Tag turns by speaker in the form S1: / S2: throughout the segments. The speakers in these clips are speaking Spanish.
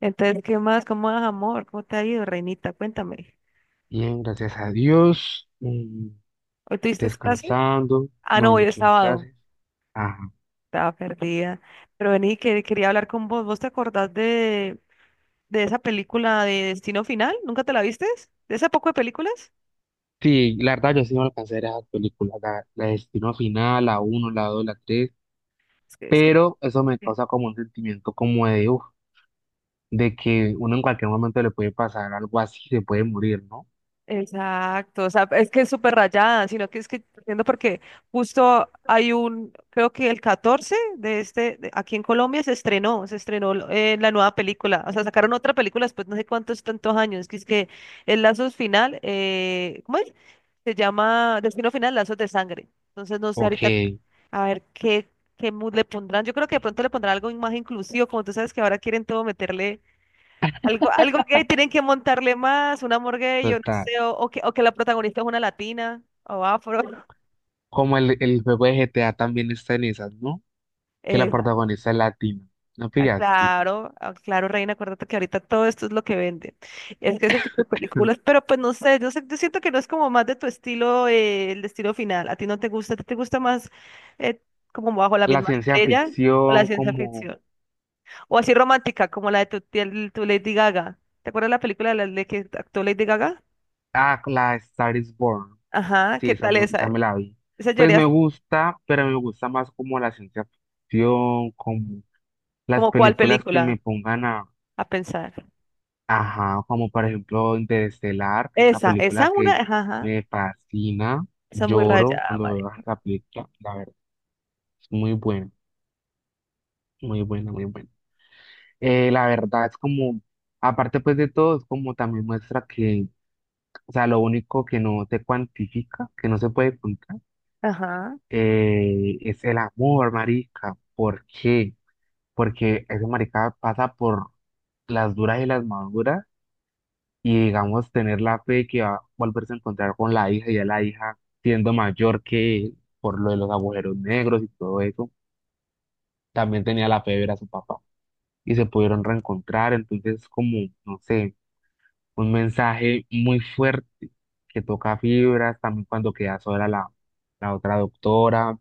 S1: Entonces, ¿qué más? ¿Cómo vas, amor? ¿Cómo te ha ido, reinita? Cuéntame.
S2: Bien, gracias a Dios.
S1: ¿Hoy tuviste clase?
S2: Descansando.
S1: Ah, no,
S2: No,
S1: hoy
S2: no
S1: es
S2: tuve
S1: sábado.
S2: clases. Ajá.
S1: Estaba perdida. Pero vení, que quería hablar con vos. ¿Vos te acordás de esa película de Destino Final? ¿Nunca te la viste? ¿De ese poco de películas?
S2: Sí, la verdad yo sí no alcancé a ver esas películas, la Destino Final, la uno la 2 la tres,
S1: Es que
S2: pero eso me causa como un sentimiento como de, uf, de que uno en cualquier momento le puede pasar algo así, se puede morir, ¿no?
S1: Exacto, o sea, es que es súper rayada, sino que es que entiendo porque justo hay un, creo que el 14 de este, aquí en Colombia se estrenó la nueva película. O sea, sacaron otra película después no sé cuántos tantos años, que es que el lazo final, ¿cómo es? Se llama Destino Final, Lazos de Sangre. Entonces no sé
S2: Ok,
S1: ahorita a ver qué, mood le pondrán. Yo creo que de pronto le pondrán algo más inclusivo, como tú sabes que ahora quieren todo meterle algo que tienen que montarle más, una morgue, yo no
S2: total.
S1: sé, o que la protagonista es una latina o afro.
S2: Como el juego de GTA también está en esas, ¿no? Que la
S1: Eh,
S2: protagonista es latina, ¿no
S1: ah,
S2: pillaste?
S1: claro, ah, claro, Reina, acuérdate que ahorita todo esto es lo que vende. Es que ese tipo de películas, pero pues no sé, yo siento que no es como más de tu estilo, el estilo final. A ti no te gusta, ¿a ti te gusta más eh, como bajo la
S2: La
S1: misma
S2: ciencia
S1: estrella o la
S2: ficción
S1: ciencia
S2: como,
S1: ficción? O así romántica, como la de tu, tía- tu Lady Gaga. ¿Te acuerdas la película de la de que actuó Lady Gaga?
S2: ah, la Star is Born.
S1: Ajá,
S2: Sí,
S1: ¿qué
S2: esa,
S1: tal
S2: esa
S1: esa?
S2: me la vi.
S1: Esa
S2: Pues
S1: lloré.
S2: me gusta, pero me gusta más como la ciencia ficción, como las
S1: ¿Como cuál
S2: películas que me
S1: película?
S2: pongan a,
S1: A pensar.
S2: ajá, como por ejemplo Interestelar, que es una
S1: Esa es
S2: película
S1: una,
S2: que
S1: ajá, ajá,
S2: me fascina,
S1: esa es muy
S2: lloro
S1: rayada,
S2: cuando veo
S1: marica.
S2: esa película, la verdad, es muy buena, muy buena, muy buena. La verdad es como, aparte pues de todo, es como también muestra que, o sea, lo único que no se cuantifica, que no se puede contar,
S1: Ajá.
S2: es el amor, marica. ¿Por qué? Porque ese marica pasa por las duras y las maduras, y digamos tener la fe de que va a volverse a encontrar con la hija y a la hija siendo mayor que él por lo de los agujeros negros y todo eso, también tenía la fe de ver a su papá y se pudieron reencontrar, entonces como, no sé, un mensaje muy fuerte que toca fibras, también cuando queda sola la, la otra doctora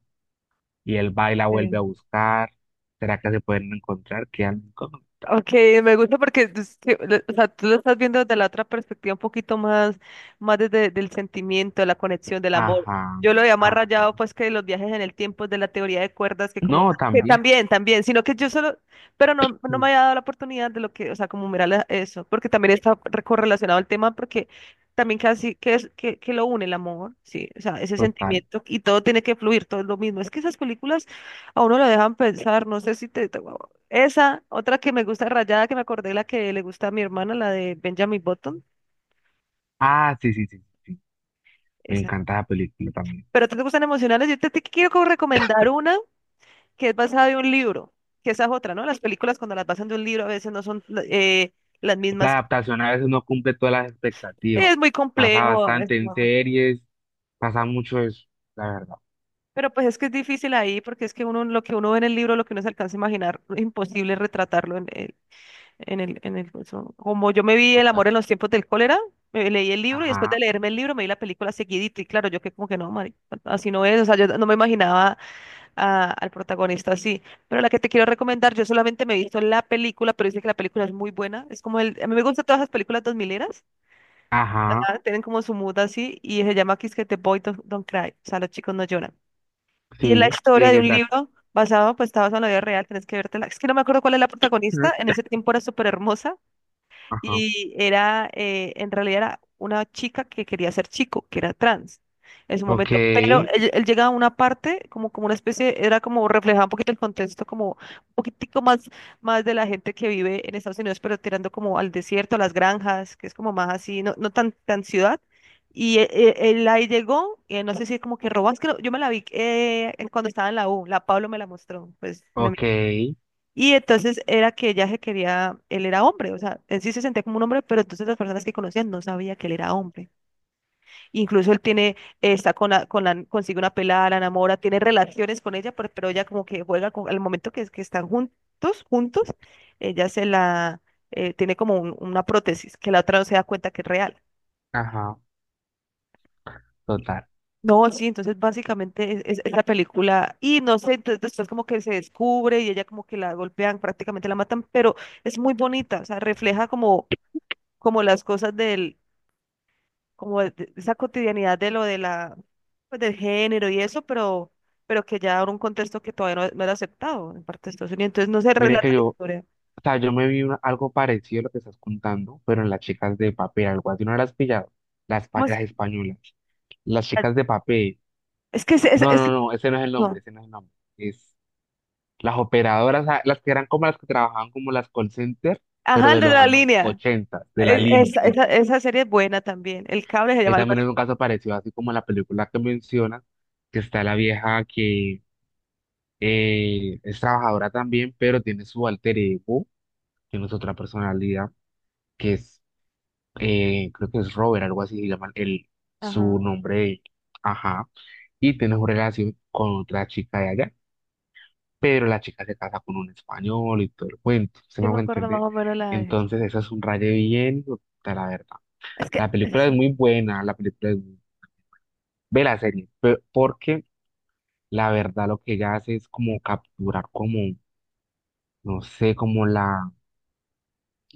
S2: y él va y la vuelve a
S1: Sí.
S2: buscar, ¿será que se pueden encontrar? Quedan incógnitas.
S1: Ok, me gusta porque tú, es que o sea, tú lo estás viendo desde la otra perspectiva, un poquito más desde el sentimiento, de la conexión, del amor.
S2: Ajá.
S1: Yo lo había más
S2: Ajá.
S1: rayado, pues, que los viajes en el tiempo es de la teoría de cuerdas, que como
S2: No, también.
S1: también, sino que yo solo, pero no me
S2: mm,
S1: había dado la oportunidad de lo que, o sea, como mirar eso, porque también está correlacionado al tema, porque también casi que es que, lo une el amor, sí, o sea, ese
S2: Total.
S1: sentimiento y todo tiene que fluir, todo es lo mismo. Es que esas películas a uno lo dejan pensar. No sé si esa, otra que me gusta rayada, que me acordé, la que le gusta a mi hermana, la de Benjamin Button.
S2: Ah, sí, sí, sí, sí. Me
S1: Esa.
S2: encanta la película también.
S1: Pero te gustan emocionales. Yo te quiero como recomendar una que es basada en un libro, que esa es otra, ¿no? Las películas cuando las basan de un libro a veces no son eh, las
S2: La
S1: mismas.
S2: adaptación a veces no cumple todas las expectativas.
S1: Es muy
S2: Pasa
S1: complejo, es
S2: bastante en series, pasa mucho eso, la verdad.
S1: pero pues es que es difícil ahí, porque es que uno lo que uno ve en el libro, lo que uno se alcanza a imaginar, es imposible retratarlo en, en el, eso. Como yo me vi El
S2: Total.
S1: amor en los tiempos del cólera, me leí el libro y después de
S2: Ajá,
S1: leerme el libro me vi la película seguidita y claro, yo que como que no, así no es, o sea, yo no me imaginaba al protagonista así. Pero la que te quiero recomendar, yo solamente me he visto la película, pero dice que la película es muy buena. Es como el, a mí me gustan todas las películas dos mileras,
S2: ajá,
S1: tienen como su mood así, y se llama que es que The Boy Don't Cry, o sea, los chicos no lloran. Y es la
S2: sí. ¿Y
S1: historia
S2: de
S1: de
S2: qué
S1: un
S2: trata?
S1: libro basado, pues está basado en la vida real, tenés que vértela. Es que no me acuerdo cuál es la
S2: Mm,
S1: protagonista, en ese tiempo era súper hermosa
S2: ajá.
S1: y era, en realidad era una chica que quería ser chico, que era trans en su
S2: Ok,
S1: momento. Pero Ok. Él llega a una parte, como una especie, era como reflejaba un poquito el contexto, como un poquitico más de la gente que vive en Estados Unidos, pero tirando como al desierto, a las granjas, que es como más así, no tan ciudad. Y él, ahí llegó, no sé si como que robas, creo, yo me la vi cuando estaba en la U, la Pablo me la mostró, pues,
S2: ok,
S1: y entonces era que ella se quería, él era hombre, o sea, él sí se sentía como un hombre, pero entonces las personas que conocían no sabía que él era hombre. Incluso él tiene, está consigue una pelada, la enamora, tiene relaciones con ella, pero ella como que juega con, al momento que están juntos, juntos, ella se la, tiene como una prótesis, que la otra no se da cuenta que es real.
S2: ajá, total.
S1: No, sí, entonces básicamente es la película, y no sé, entonces después como que se descubre y ella como que la golpean, prácticamente la matan, pero es muy bonita, o sea, refleja como las cosas del, como de esa cotidianidad de lo de la, pues, del género y eso, pero que ya ahora un contexto que todavía no era aceptado en parte de Estados Unidos, entonces no se
S2: Mire
S1: relata
S2: que
S1: la
S2: yo, o
S1: historia.
S2: sea, yo me vi algo parecido a lo que estás contando, pero en las chicas de papel, algo así, no las has pillado,
S1: ¿Cómo es?
S2: las españolas, las
S1: Ah,
S2: chicas de papel.
S1: es que
S2: No, no, no, ese no es el nombre,
S1: no.
S2: ese no es el nombre. Es las operadoras, ah, las que eran como las que trabajaban como las call center, pero
S1: Ajá, el
S2: de
S1: de
S2: los
S1: la
S2: años
S1: línea.
S2: 80, de la línea, sí.
S1: Esa serie es buena también. El cable se
S2: Ahí
S1: llama algo
S2: también
S1: así.
S2: es un caso parecido, así como en la película que mencionas, que está la vieja que es trabajadora también, pero tiene su alter ego, que no es otra personalidad, que es, creo que es Robert, algo así, se llama el, su
S1: Ajá.
S2: nombre, ajá, y tiene su relación con otra chica de allá. Pero la chica se casa con un español y todo el cuento, ¿se
S1: Yo
S2: me
S1: me
S2: va a
S1: acuerdo más
S2: entender?
S1: o menos la de-
S2: Entonces, eso es un raye bien, puta, la verdad.
S1: Es que,
S2: La película es
S1: es-
S2: muy buena, la película es muy... Ve la serie, porque la verdad lo que ella hace es como capturar como, no sé, como la...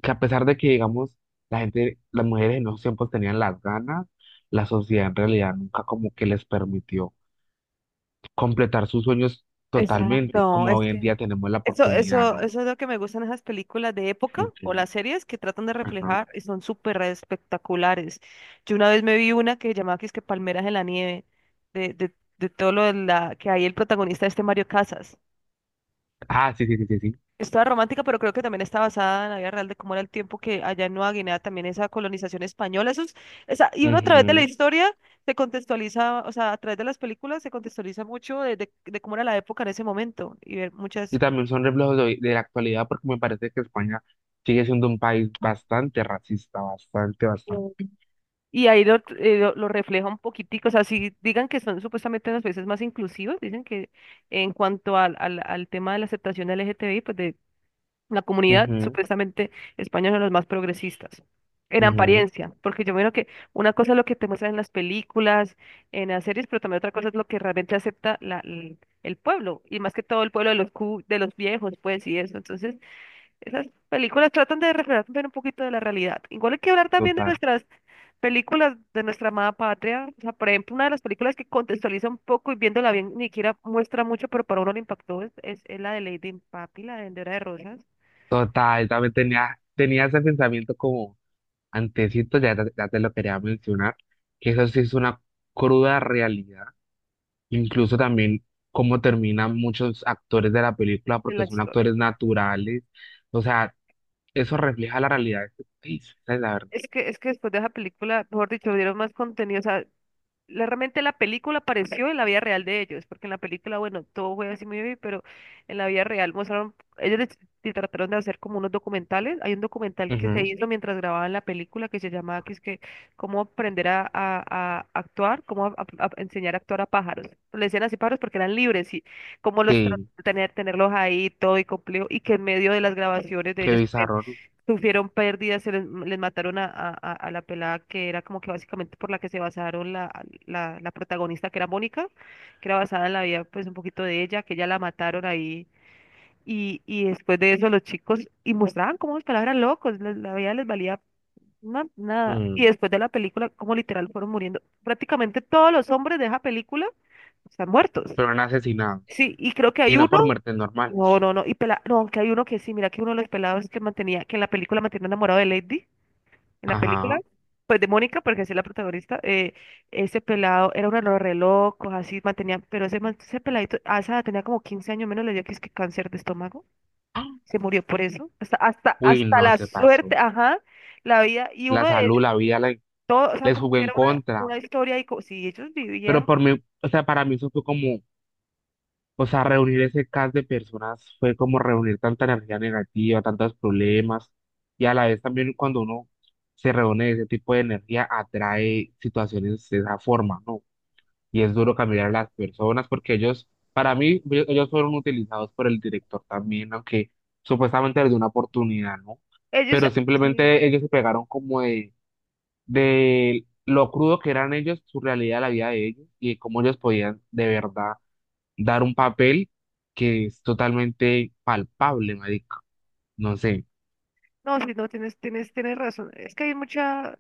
S2: Que a pesar de que, digamos, la gente, las mujeres en esos tiempos tenían las ganas, la sociedad en realidad nunca como que les permitió completar sus sueños totalmente,
S1: exacto,
S2: como
S1: es
S2: hoy
S1: que
S2: en día tenemos la oportunidad, ¿no?
S1: Eso es lo que me gustan, esas películas de época
S2: Ok,
S1: o las series que tratan de
S2: ajá.
S1: reflejar, y son súper espectaculares. Yo una vez me vi una que llamaba que es que Palmeras en la nieve, de todo lo de la, que hay el protagonista este Mario Casas.
S2: Ah, sí, sí, sí, sí, sí.
S1: Es toda romántica, pero creo que también está basada en la vida real de cómo era el tiempo que allá en Nueva Guinea, también esa colonización española. Esa, y uno a través de la
S2: Ujú.
S1: historia se contextualiza, o sea, a través de las películas se contextualiza mucho de cómo era la época en ese momento y ver muchas.
S2: Y también son reflejos de, de la actualidad, porque me parece que España sigue siendo un país bastante racista, bastante, bastante.
S1: Y ahí lo refleja un poquitico, o sea, si digan que son supuestamente las veces más inclusivas, dicen que en cuanto al tema de la aceptación LGTBI, pues de la comunidad,
S2: Ujú,
S1: supuestamente España son los más progresistas, en
S2: ujú,
S1: apariencia, porque yo veo que una cosa es lo que te muestran en las películas, en las series, pero también otra cosa es lo que realmente acepta el pueblo, y más que todo el pueblo de de los viejos, pues, y eso. Entonces, esas películas tratan de reflejar también un poquito de la realidad. Igual hay que hablar también de
S2: total.
S1: nuestras películas de nuestra amada patria, o sea, por ejemplo, una de las películas que contextualiza un poco y viéndola bien, ni siquiera muestra mucho, pero para uno le impactó, es la de Lady in Papi, la de Vendedora de Rosas,
S2: Total, también tenía ese pensamiento como antecito, ya, ya te lo quería mencionar, que eso sí es una cruda realidad. Incluso también cómo terminan muchos actores de la película
S1: en
S2: porque
S1: la
S2: son
S1: historia.
S2: actores naturales. O sea, eso refleja la realidad de este país, esa es la verdad.
S1: Es que después de esa película, mejor dicho, dieron más contenido, o sea, realmente la película pareció en la vida real de ellos, porque en la película, bueno, todo fue así muy bien, pero en la vida real mostraron, se trataron de hacer como unos documentales. Hay un documental que se
S2: Ujú,
S1: hizo mientras grababan la película que se llamaba, que es que, cómo aprender a actuar, cómo a enseñar a actuar a pájaros. Le decían así pájaros porque eran libres, y cómo
S2: sí,
S1: tener, tenerlos ahí todo y complejo, y que en medio de las grabaciones de
S2: qué
S1: ellos
S2: bizarro,
S1: sufrieron pérdidas, les mataron a la pelada que era como que básicamente por la que se basaron la protagonista, que era Mónica, que era basada en la vida pues un poquito de ella, que ya la mataron ahí, y después de eso los chicos y mostraban cómo los palabras locos, la vida les valía nada. Y
S2: Mm,
S1: después de la película, como literal fueron muriendo, prácticamente todos los hombres de esa película están muertos.
S2: fueron asesinados
S1: Sí, y creo que
S2: y
S1: hay uno,
S2: no por muertes
S1: no,
S2: normales.
S1: no, no. Y no, aunque hay uno que sí. Mira que uno de los pelados que mantenía, que en la película mantenía enamorado de Lady, en la película,
S2: Ajá.
S1: pues de Mónica, porque así es la protagonista, ese pelado era uno de los re locos, así mantenía, pero ese peladito, a esa edad tenía como 15 años menos, le dio que es que cáncer de estómago,
S2: ¡Ah!
S1: se murió por eso, hasta,
S2: Uy,
S1: hasta
S2: no
S1: la
S2: se pasó.
S1: suerte, ajá, la vida, y
S2: La
S1: uno de
S2: salud,
S1: ellos,
S2: la vida
S1: todo, o sea,
S2: les
S1: como
S2: jugó
S1: que
S2: en
S1: era
S2: contra.
S1: una historia, y si ellos
S2: Pero
S1: vivían,
S2: por mí, o sea, para mí eso fue como, o sea, reunir ese cast de personas fue como reunir tanta energía negativa, tantos problemas. Y a la vez también cuando uno se reúne de ese tipo de energía atrae situaciones de esa forma, ¿no? Y es duro cambiar a las personas porque ellos, para mí, ellos fueron utilizados por el director también, aunque supuestamente les dio una oportunidad, ¿no?
S1: ellos,
S2: Pero
S1: sí,
S2: simplemente ellos se pegaron como de, lo crudo que eran ellos, su realidad, la vida de ellos y de cómo ellos podían de verdad dar un papel que es totalmente palpable, marica. No sé,
S1: no, sí, no, tienes razón. Es que hay mucha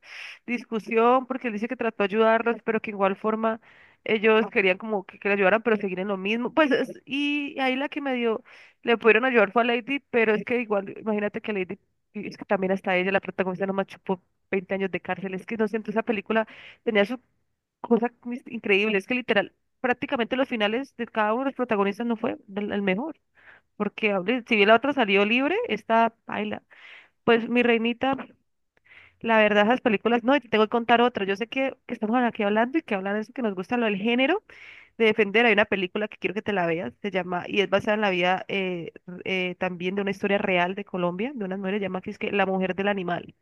S1: discusión porque él dice que trató de ayudarlos, pero que igual forma ellos querían como que le ayudaran, pero seguir en lo mismo. Pues, y ahí la que me dio, le pudieron ayudar fue a Lady, pero es que igual, imagínate que Lady, y es que también hasta ella, la protagonista, nomás chupó 20 años de cárcel. Es que no sé, entonces esa película tenía su cosa increíble. Es que literal, prácticamente los finales de cada uno de los protagonistas no fue el mejor. Porque, hombre, si bien la otra salió libre, esta baila. Pues mi reinita, la verdad, esas películas, no, y te tengo que contar otra. Yo sé que estamos aquí hablando y que hablan de eso que nos gusta, lo del género de defender. Hay una película que quiero que te la veas, se llama, y es basada en la vida también de una historia real de Colombia, de unas mujeres, se llama que es que La Mujer del Animal.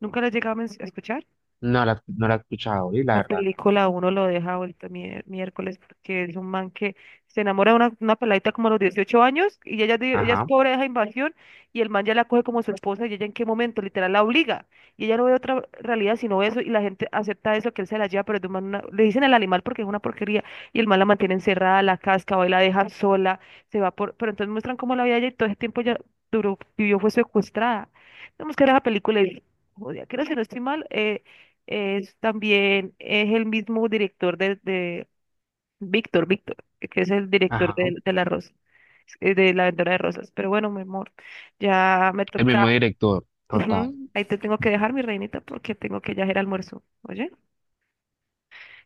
S1: ¿Nunca la has llegado a a escuchar?
S2: no la he escuchado, y la
S1: La
S2: verdad, no.
S1: película a uno lo deja vuelto miércoles, porque es un man que se enamora de una peladita como a los 18 años, y ella, ella es
S2: Ajá,
S1: pobre, deja invasión, y el man ya la coge como su esposa, y ella en qué momento, literal, la obliga. Y ella no ve otra realidad sino eso, y la gente acepta eso, que él se la lleva, pero es de un man le dicen el animal porque es una porquería, y el man la mantiene encerrada, la casca, va y la deja sola, se va por. Pero entonces muestran cómo la vida de ella y todo ese tiempo ya duró, vivió, fue secuestrada. Tenemos que ver esa película y. Joder, creo que si no estoy mal. Es también es el mismo director de Víctor, que es el director
S2: ajá,
S1: de La Rosa, de La Vendedora de Rosas. Pero bueno, mi amor, ya me
S2: el
S1: toca.
S2: mismo director, total.
S1: Ujú, ahí te tengo que dejar, mi reinita, porque tengo que ya hacer almuerzo. Oye,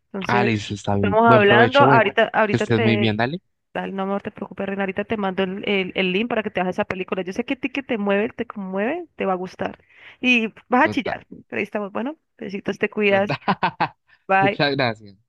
S1: entonces
S2: Alice, está bien.
S1: estamos
S2: Buen
S1: hablando.
S2: provecho, bueno,
S1: Ahorita,
S2: que
S1: ahorita
S2: estés muy
S1: te.
S2: bien, dale.
S1: Dale, no, amor, te preocupes, reina. Ahorita te mando el link para que te hagas esa película. Yo sé que a ti que te mueve, te conmueve, te va a gustar. Y vas a
S2: Total,
S1: chillar. Pero ahí estamos. Bueno, besitos, te cuidas.
S2: total.
S1: Bye.
S2: Muchas gracias.